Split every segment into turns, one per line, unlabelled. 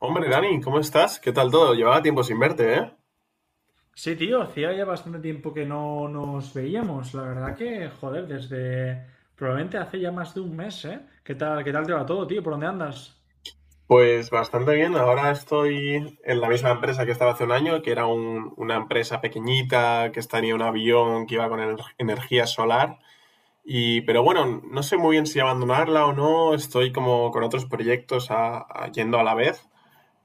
Hombre, Dani, ¿cómo estás? ¿Qué tal todo? Llevaba tiempo sin verte, ¿eh?
Sí, tío, hacía ya bastante tiempo que no nos veíamos. La verdad que, joder, desde probablemente hace ya más de un mes, ¿eh? ¿Qué tal te va todo, tío? ¿Por dónde andas?
Pues bastante bien. Ahora estoy en la misma empresa que estaba hace un año, que era una empresa pequeñita, que tenía un avión que iba con energía solar. Y, pero bueno, no sé muy bien si abandonarla o no. Estoy como con otros proyectos yendo a la vez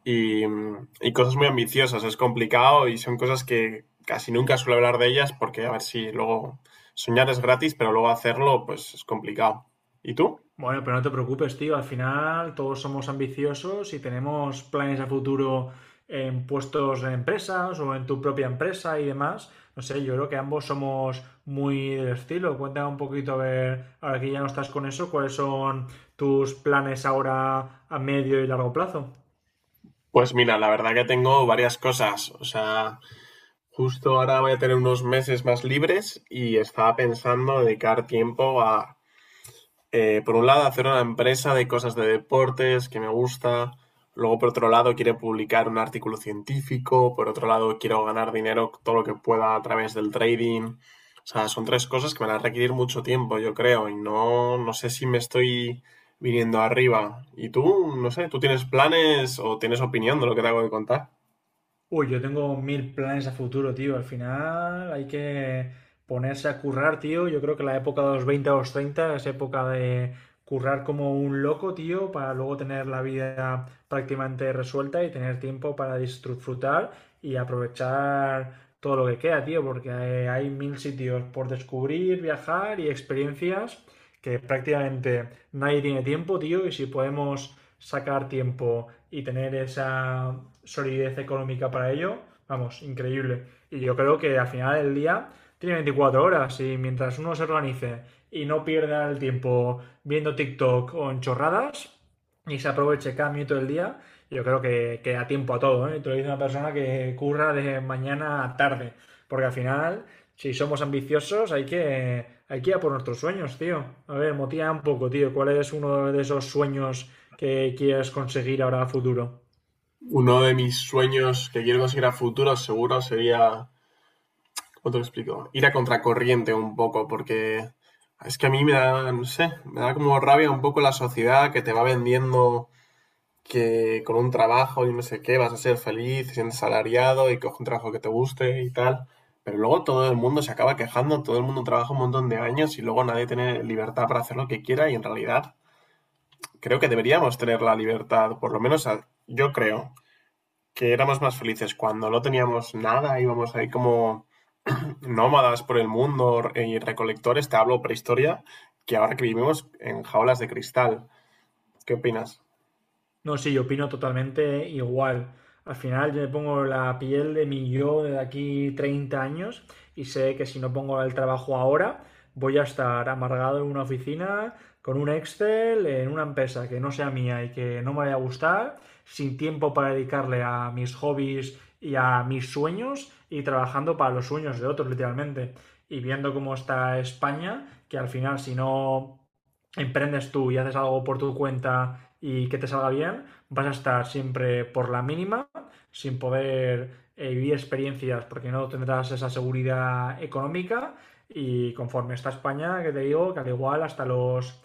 y cosas muy ambiciosas. Es complicado y son cosas que casi nunca suelo hablar de ellas porque a ver si luego soñar es gratis, pero luego hacerlo pues es complicado. ¿Y tú?
Bueno, pero no te preocupes, tío. Al final todos somos ambiciosos y tenemos planes a futuro en puestos en empresas o en tu propia empresa y demás. No sé, yo creo que ambos somos muy del estilo. Cuéntame un poquito, a ver, ahora que ya no estás con eso, ¿cuáles son tus planes ahora a medio y largo plazo?
Pues mira, la verdad que tengo varias cosas. O sea, justo ahora voy a tener unos meses más libres y estaba pensando dedicar tiempo a por un lado, hacer una empresa de cosas de deportes que me gusta. Luego, por otro lado, quiero publicar un artículo científico. Por otro lado, quiero ganar dinero todo lo que pueda a través del trading. O sea, son tres cosas que me van a requerir mucho tiempo, yo creo. Y no, no sé si me estoy viniendo arriba. ¿Y tú? No sé, ¿tú tienes planes o tienes opinión de lo que te hago de contar?
Uy, yo tengo mil planes a futuro, tío. Al final hay que ponerse a currar, tío. Yo creo que la época de los 20 a los 30 es época de currar como un loco, tío, para luego tener la vida prácticamente resuelta y tener tiempo para disfrutar y aprovechar todo lo que queda, tío, porque hay mil sitios por descubrir, viajar y experiencias que prácticamente nadie tiene tiempo, tío, y si podemos sacar tiempo y tener esa solidez económica para ello, vamos, increíble. Y yo creo que al final del día tiene 24 horas y mientras uno se organice y no pierda el tiempo viendo TikTok o en chorradas y se aproveche cada minuto del día, yo creo que da tiempo a todo, ¿eh? Te lo dice una persona que curra de mañana a tarde, porque al final, si somos ambiciosos, hay que ir a por nuestros sueños, tío. A ver, motiva un poco, tío. ¿Cuál es uno de esos sueños que quieras conseguir ahora a futuro?
Uno de mis sueños que quiero conseguir a futuro seguro sería. ¿Cómo te lo explico? Ir a contracorriente un poco, porque es que a mí me da, no sé, me da como rabia un poco la sociedad que te va vendiendo que con un trabajo y no sé qué vas a ser feliz, siendo salariado y coge un trabajo que te guste y tal. Pero luego todo el mundo se acaba quejando, todo el mundo trabaja un montón de años y luego nadie tiene libertad para hacer lo que quiera y en realidad creo que deberíamos tener la libertad, por lo menos yo creo que éramos más felices cuando no teníamos nada, íbamos ahí como nómadas por el mundo y recolectores, te hablo prehistoria, que ahora que vivimos en jaulas de cristal. ¿Qué opinas?
No, sí, yo opino totalmente igual. Al final yo me pongo la piel de mi yo de aquí 30 años y sé que si no pongo el trabajo ahora, voy a estar amargado en una oficina con un Excel en una empresa que no sea mía y que no me vaya a gustar, sin tiempo para dedicarle a mis hobbies y a mis sueños y trabajando para los sueños de otros literalmente. Y viendo cómo está España, que al final si no emprendes tú y haces algo por tu cuenta y que te salga bien, vas a estar siempre por la mínima, sin poder vivir experiencias, porque no tendrás esa seguridad económica. Y conforme está España, que te digo, que al igual hasta los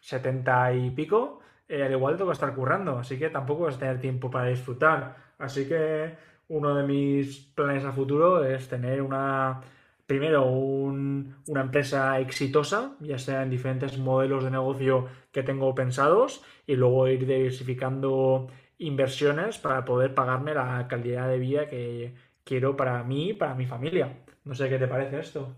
70 y pico, al igual tengo que estar currando, así que tampoco vas a tener tiempo para disfrutar. Así que uno de mis planes a futuro es tener una, primero, una empresa exitosa, ya sea en diferentes modelos de negocio que tengo pensados, y luego ir diversificando inversiones para poder pagarme la calidad de vida que quiero para mí y para mi familia. No sé qué te parece esto.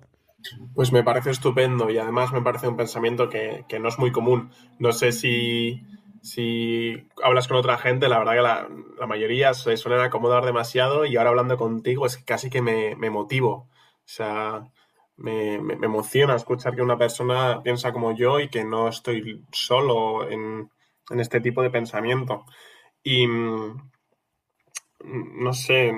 Pues me parece estupendo y además me parece un pensamiento que no es muy común. No sé si hablas con otra gente, la verdad que la mayoría se suelen acomodar demasiado y ahora hablando contigo es casi que me motivo. O sea, me emociona escuchar que una persona piensa como yo y que no estoy solo en este tipo de pensamiento. Y no sé,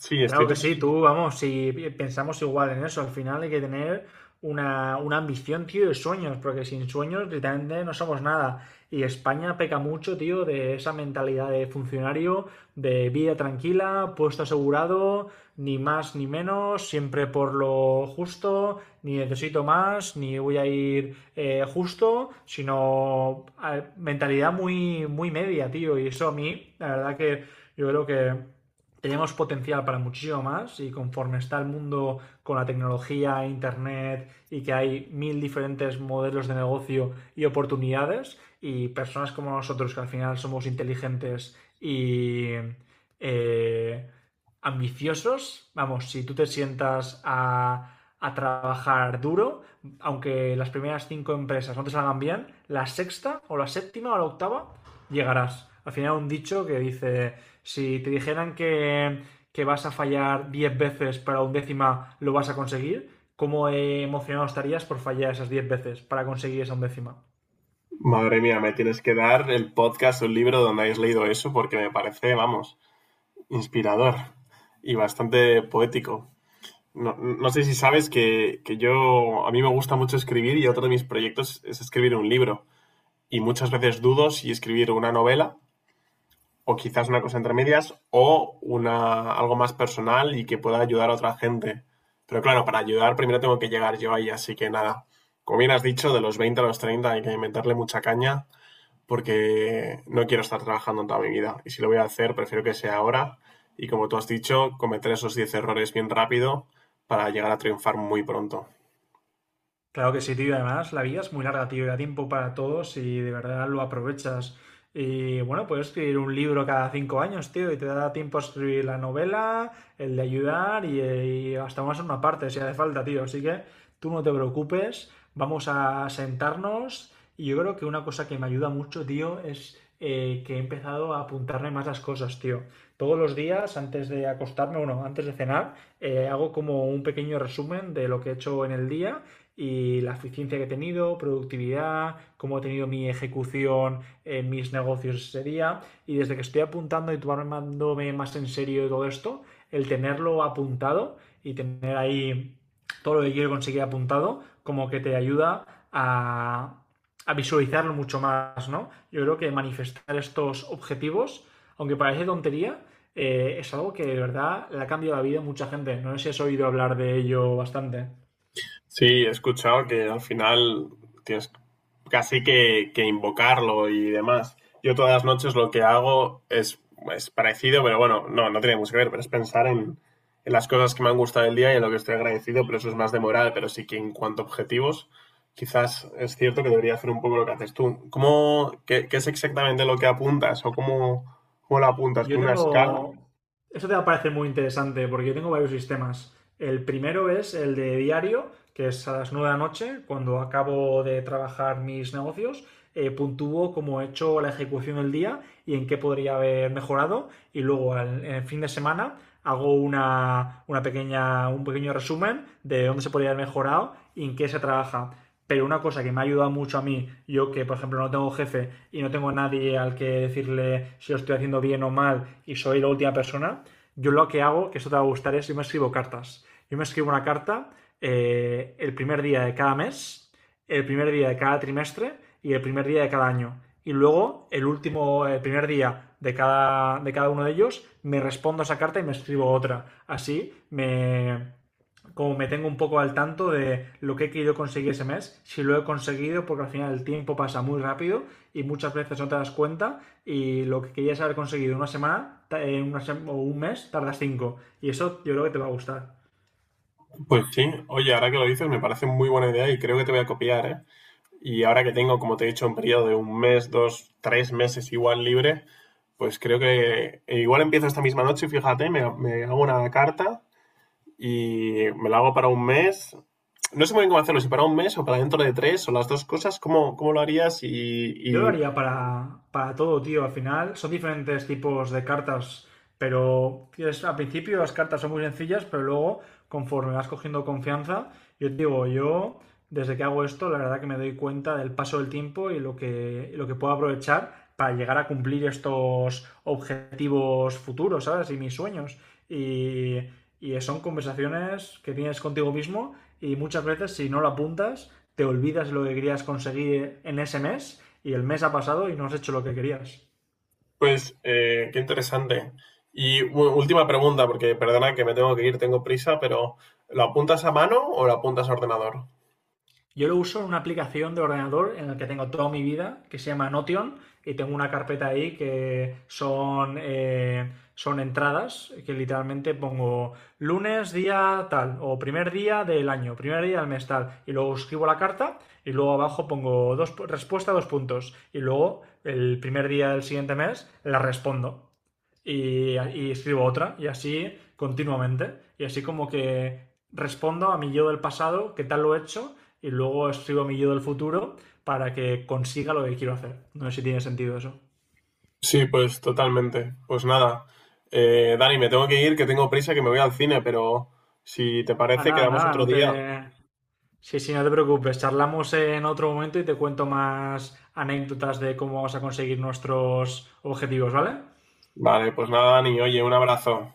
sí, estoy
Claro que sí,
totalmente.
tú, vamos, si pensamos igual en eso, al final hay que tener una ambición, tío, y sueños, porque sin sueños literalmente no somos nada. Y España peca mucho, tío, de esa mentalidad de funcionario, de vida tranquila, puesto asegurado, ni más ni menos, siempre por lo justo, ni necesito más, ni voy a ir justo, sino mentalidad muy media, tío. Y eso a mí, la verdad que yo creo que tenemos potencial para muchísimo más y conforme está el mundo con la tecnología, internet y que hay mil diferentes modelos de negocio y oportunidades y personas como nosotros que al final somos inteligentes y eh, ambiciosos, vamos, si tú te sientas a trabajar duro, aunque las primeras cinco empresas no te salgan bien, la sexta o la séptima o la octava llegarás. Al final un dicho que dice si te dijeran que vas a fallar 10 veces para un décima, ¿lo vas a conseguir? ¿Cómo emocionado estarías por fallar esas 10 veces para conseguir esa undécima?
Madre mía, me tienes que dar el podcast o el libro donde hayas leído eso porque me parece, vamos, inspirador y bastante poético. No, no sé si sabes que yo, a mí me gusta mucho escribir y otro de mis proyectos es escribir un libro. Y muchas veces dudo si escribir una novela o quizás una cosa entre medias o algo más personal y que pueda ayudar a otra gente. Pero claro, para ayudar primero tengo que llegar yo ahí, así que nada. Como bien has dicho, de los 20 a los 30 hay que meterle mucha caña porque no quiero estar trabajando en toda mi vida. Y si lo voy a hacer, prefiero que sea ahora. Y como tú has dicho, cometer esos 10 errores bien rápido para llegar a triunfar muy pronto.
Claro que sí, tío. Además, la vida es muy larga, tío. Y da tiempo para todos y de verdad lo aprovechas. Y bueno, puedes escribir un libro cada cinco años, tío. Y te da tiempo a escribir la novela, el de ayudar y hasta más una parte si hace falta, tío. Así que tú no te preocupes. Vamos a sentarnos. Y yo creo que una cosa que me ayuda mucho, tío, es que he empezado a apuntarme más las cosas, tío. Todos los días, antes de acostarme, bueno, antes de cenar, hago como un pequeño resumen de lo que he hecho en el día y la eficiencia que he tenido, productividad, cómo he tenido mi ejecución en mis negocios ese día. Y desde que estoy apuntando y tomándome más en serio todo esto, el tenerlo apuntado y tener ahí todo lo que quiero conseguir apuntado, como que te ayuda a, a visualizarlo mucho más, ¿no? Yo creo que manifestar estos objetivos, aunque parece tontería, es algo que de verdad le ha cambiado la vida a mucha gente. No sé si has oído hablar de ello bastante.
Sí, he escuchado que al final tienes casi que invocarlo y demás. Yo todas las noches lo que hago es parecido, pero bueno, no, no tiene mucho que ver, pero es pensar en las cosas que me han gustado del día y en lo que estoy agradecido, pero eso es más de moral, pero sí que en cuanto a objetivos, quizás es cierto que debería hacer un poco lo que haces tú. ¿Qué es exactamente lo que apuntas o cómo lo apuntas?
Yo
¿Con una escala?
tengo. Eso te va a parecer muy interesante porque yo tengo varios sistemas. El primero es el de diario, que es a las 9 de la noche, cuando acabo de trabajar mis negocios, puntúo cómo he hecho la ejecución del día y en qué podría haber mejorado. Y luego en el fin de semana hago un pequeño resumen de dónde se podría haber mejorado y en qué se trabaja. Pero una cosa que me ha ayudado mucho a mí, yo que por ejemplo no tengo jefe y no tengo nadie al que decirle si lo estoy haciendo bien o mal y soy la última persona, yo lo que hago, que esto te va a gustar, es yo me escribo cartas. Yo me escribo una carta el primer día de cada mes, el primer día de cada trimestre y el primer día de cada año. Y luego, el último, el primer día de de cada uno de ellos, me respondo a esa carta y me escribo otra. Así me, como me tengo un poco al tanto de lo que he querido conseguir ese mes, si lo he conseguido, porque al final el tiempo pasa muy rápido y muchas veces no te das cuenta y lo que querías haber conseguido en una semana en una o un mes tardas cinco y eso yo creo que te va a gustar.
Pues sí, oye, ahora que lo dices me parece muy buena idea y creo que te voy a copiar, ¿eh? Y ahora que tengo, como te he dicho, un periodo de un mes, 2, 3 meses igual libre, pues creo que igual empiezo esta misma noche, fíjate, me hago una carta y me la hago para un mes. No sé muy bien cómo hacerlo, si para un mes o para dentro de 3 o las dos cosas, ¿cómo lo harías? Y,
Yo lo
y
haría para todo, tío. Al final son diferentes tipos de cartas, pero es al principio las cartas son muy sencillas, pero luego, conforme vas cogiendo confianza, yo te digo, yo desde que hago esto, la verdad que me doy cuenta del paso del tiempo y lo que puedo aprovechar para llegar a cumplir estos objetivos futuros, ¿sabes? Y mis sueños. Y, y son conversaciones que tienes contigo mismo y muchas veces si no lo apuntas te olvidas lo que querías conseguir en ese mes y el mes ha pasado y no has hecho lo que querías.
pues, qué interesante. Y última pregunta, porque perdona que me tengo que ir, tengo prisa, pero ¿lo apuntas a mano o lo apuntas a ordenador?
Yo lo uso en una aplicación de ordenador en la que tengo toda mi vida, que se llama Notion, y tengo una carpeta ahí que son, son entradas, que literalmente pongo lunes, día tal, o primer día del año, primer día del mes tal, y luego escribo la carta, y luego abajo pongo dos, respuesta dos puntos, y luego el primer día del siguiente mes la respondo. Y y escribo otra y así continuamente. Y así como que respondo a mi yo del pasado, qué tal lo he hecho, y luego escribo a mi yo del futuro para que consiga lo que quiero hacer. No sé si tiene sentido eso.
Sí, pues totalmente. Pues nada, Dani, me tengo que ir, que tengo prisa, que me voy al cine, pero si te
Ah,
parece,
nada,
quedamos
nada,
otro
no te...
día.
Sí, no te preocupes. Charlamos en otro momento y te cuento más anécdotas de cómo vamos a conseguir nuestros objetivos, ¿vale?
Vale, pues nada, Dani, oye, un abrazo.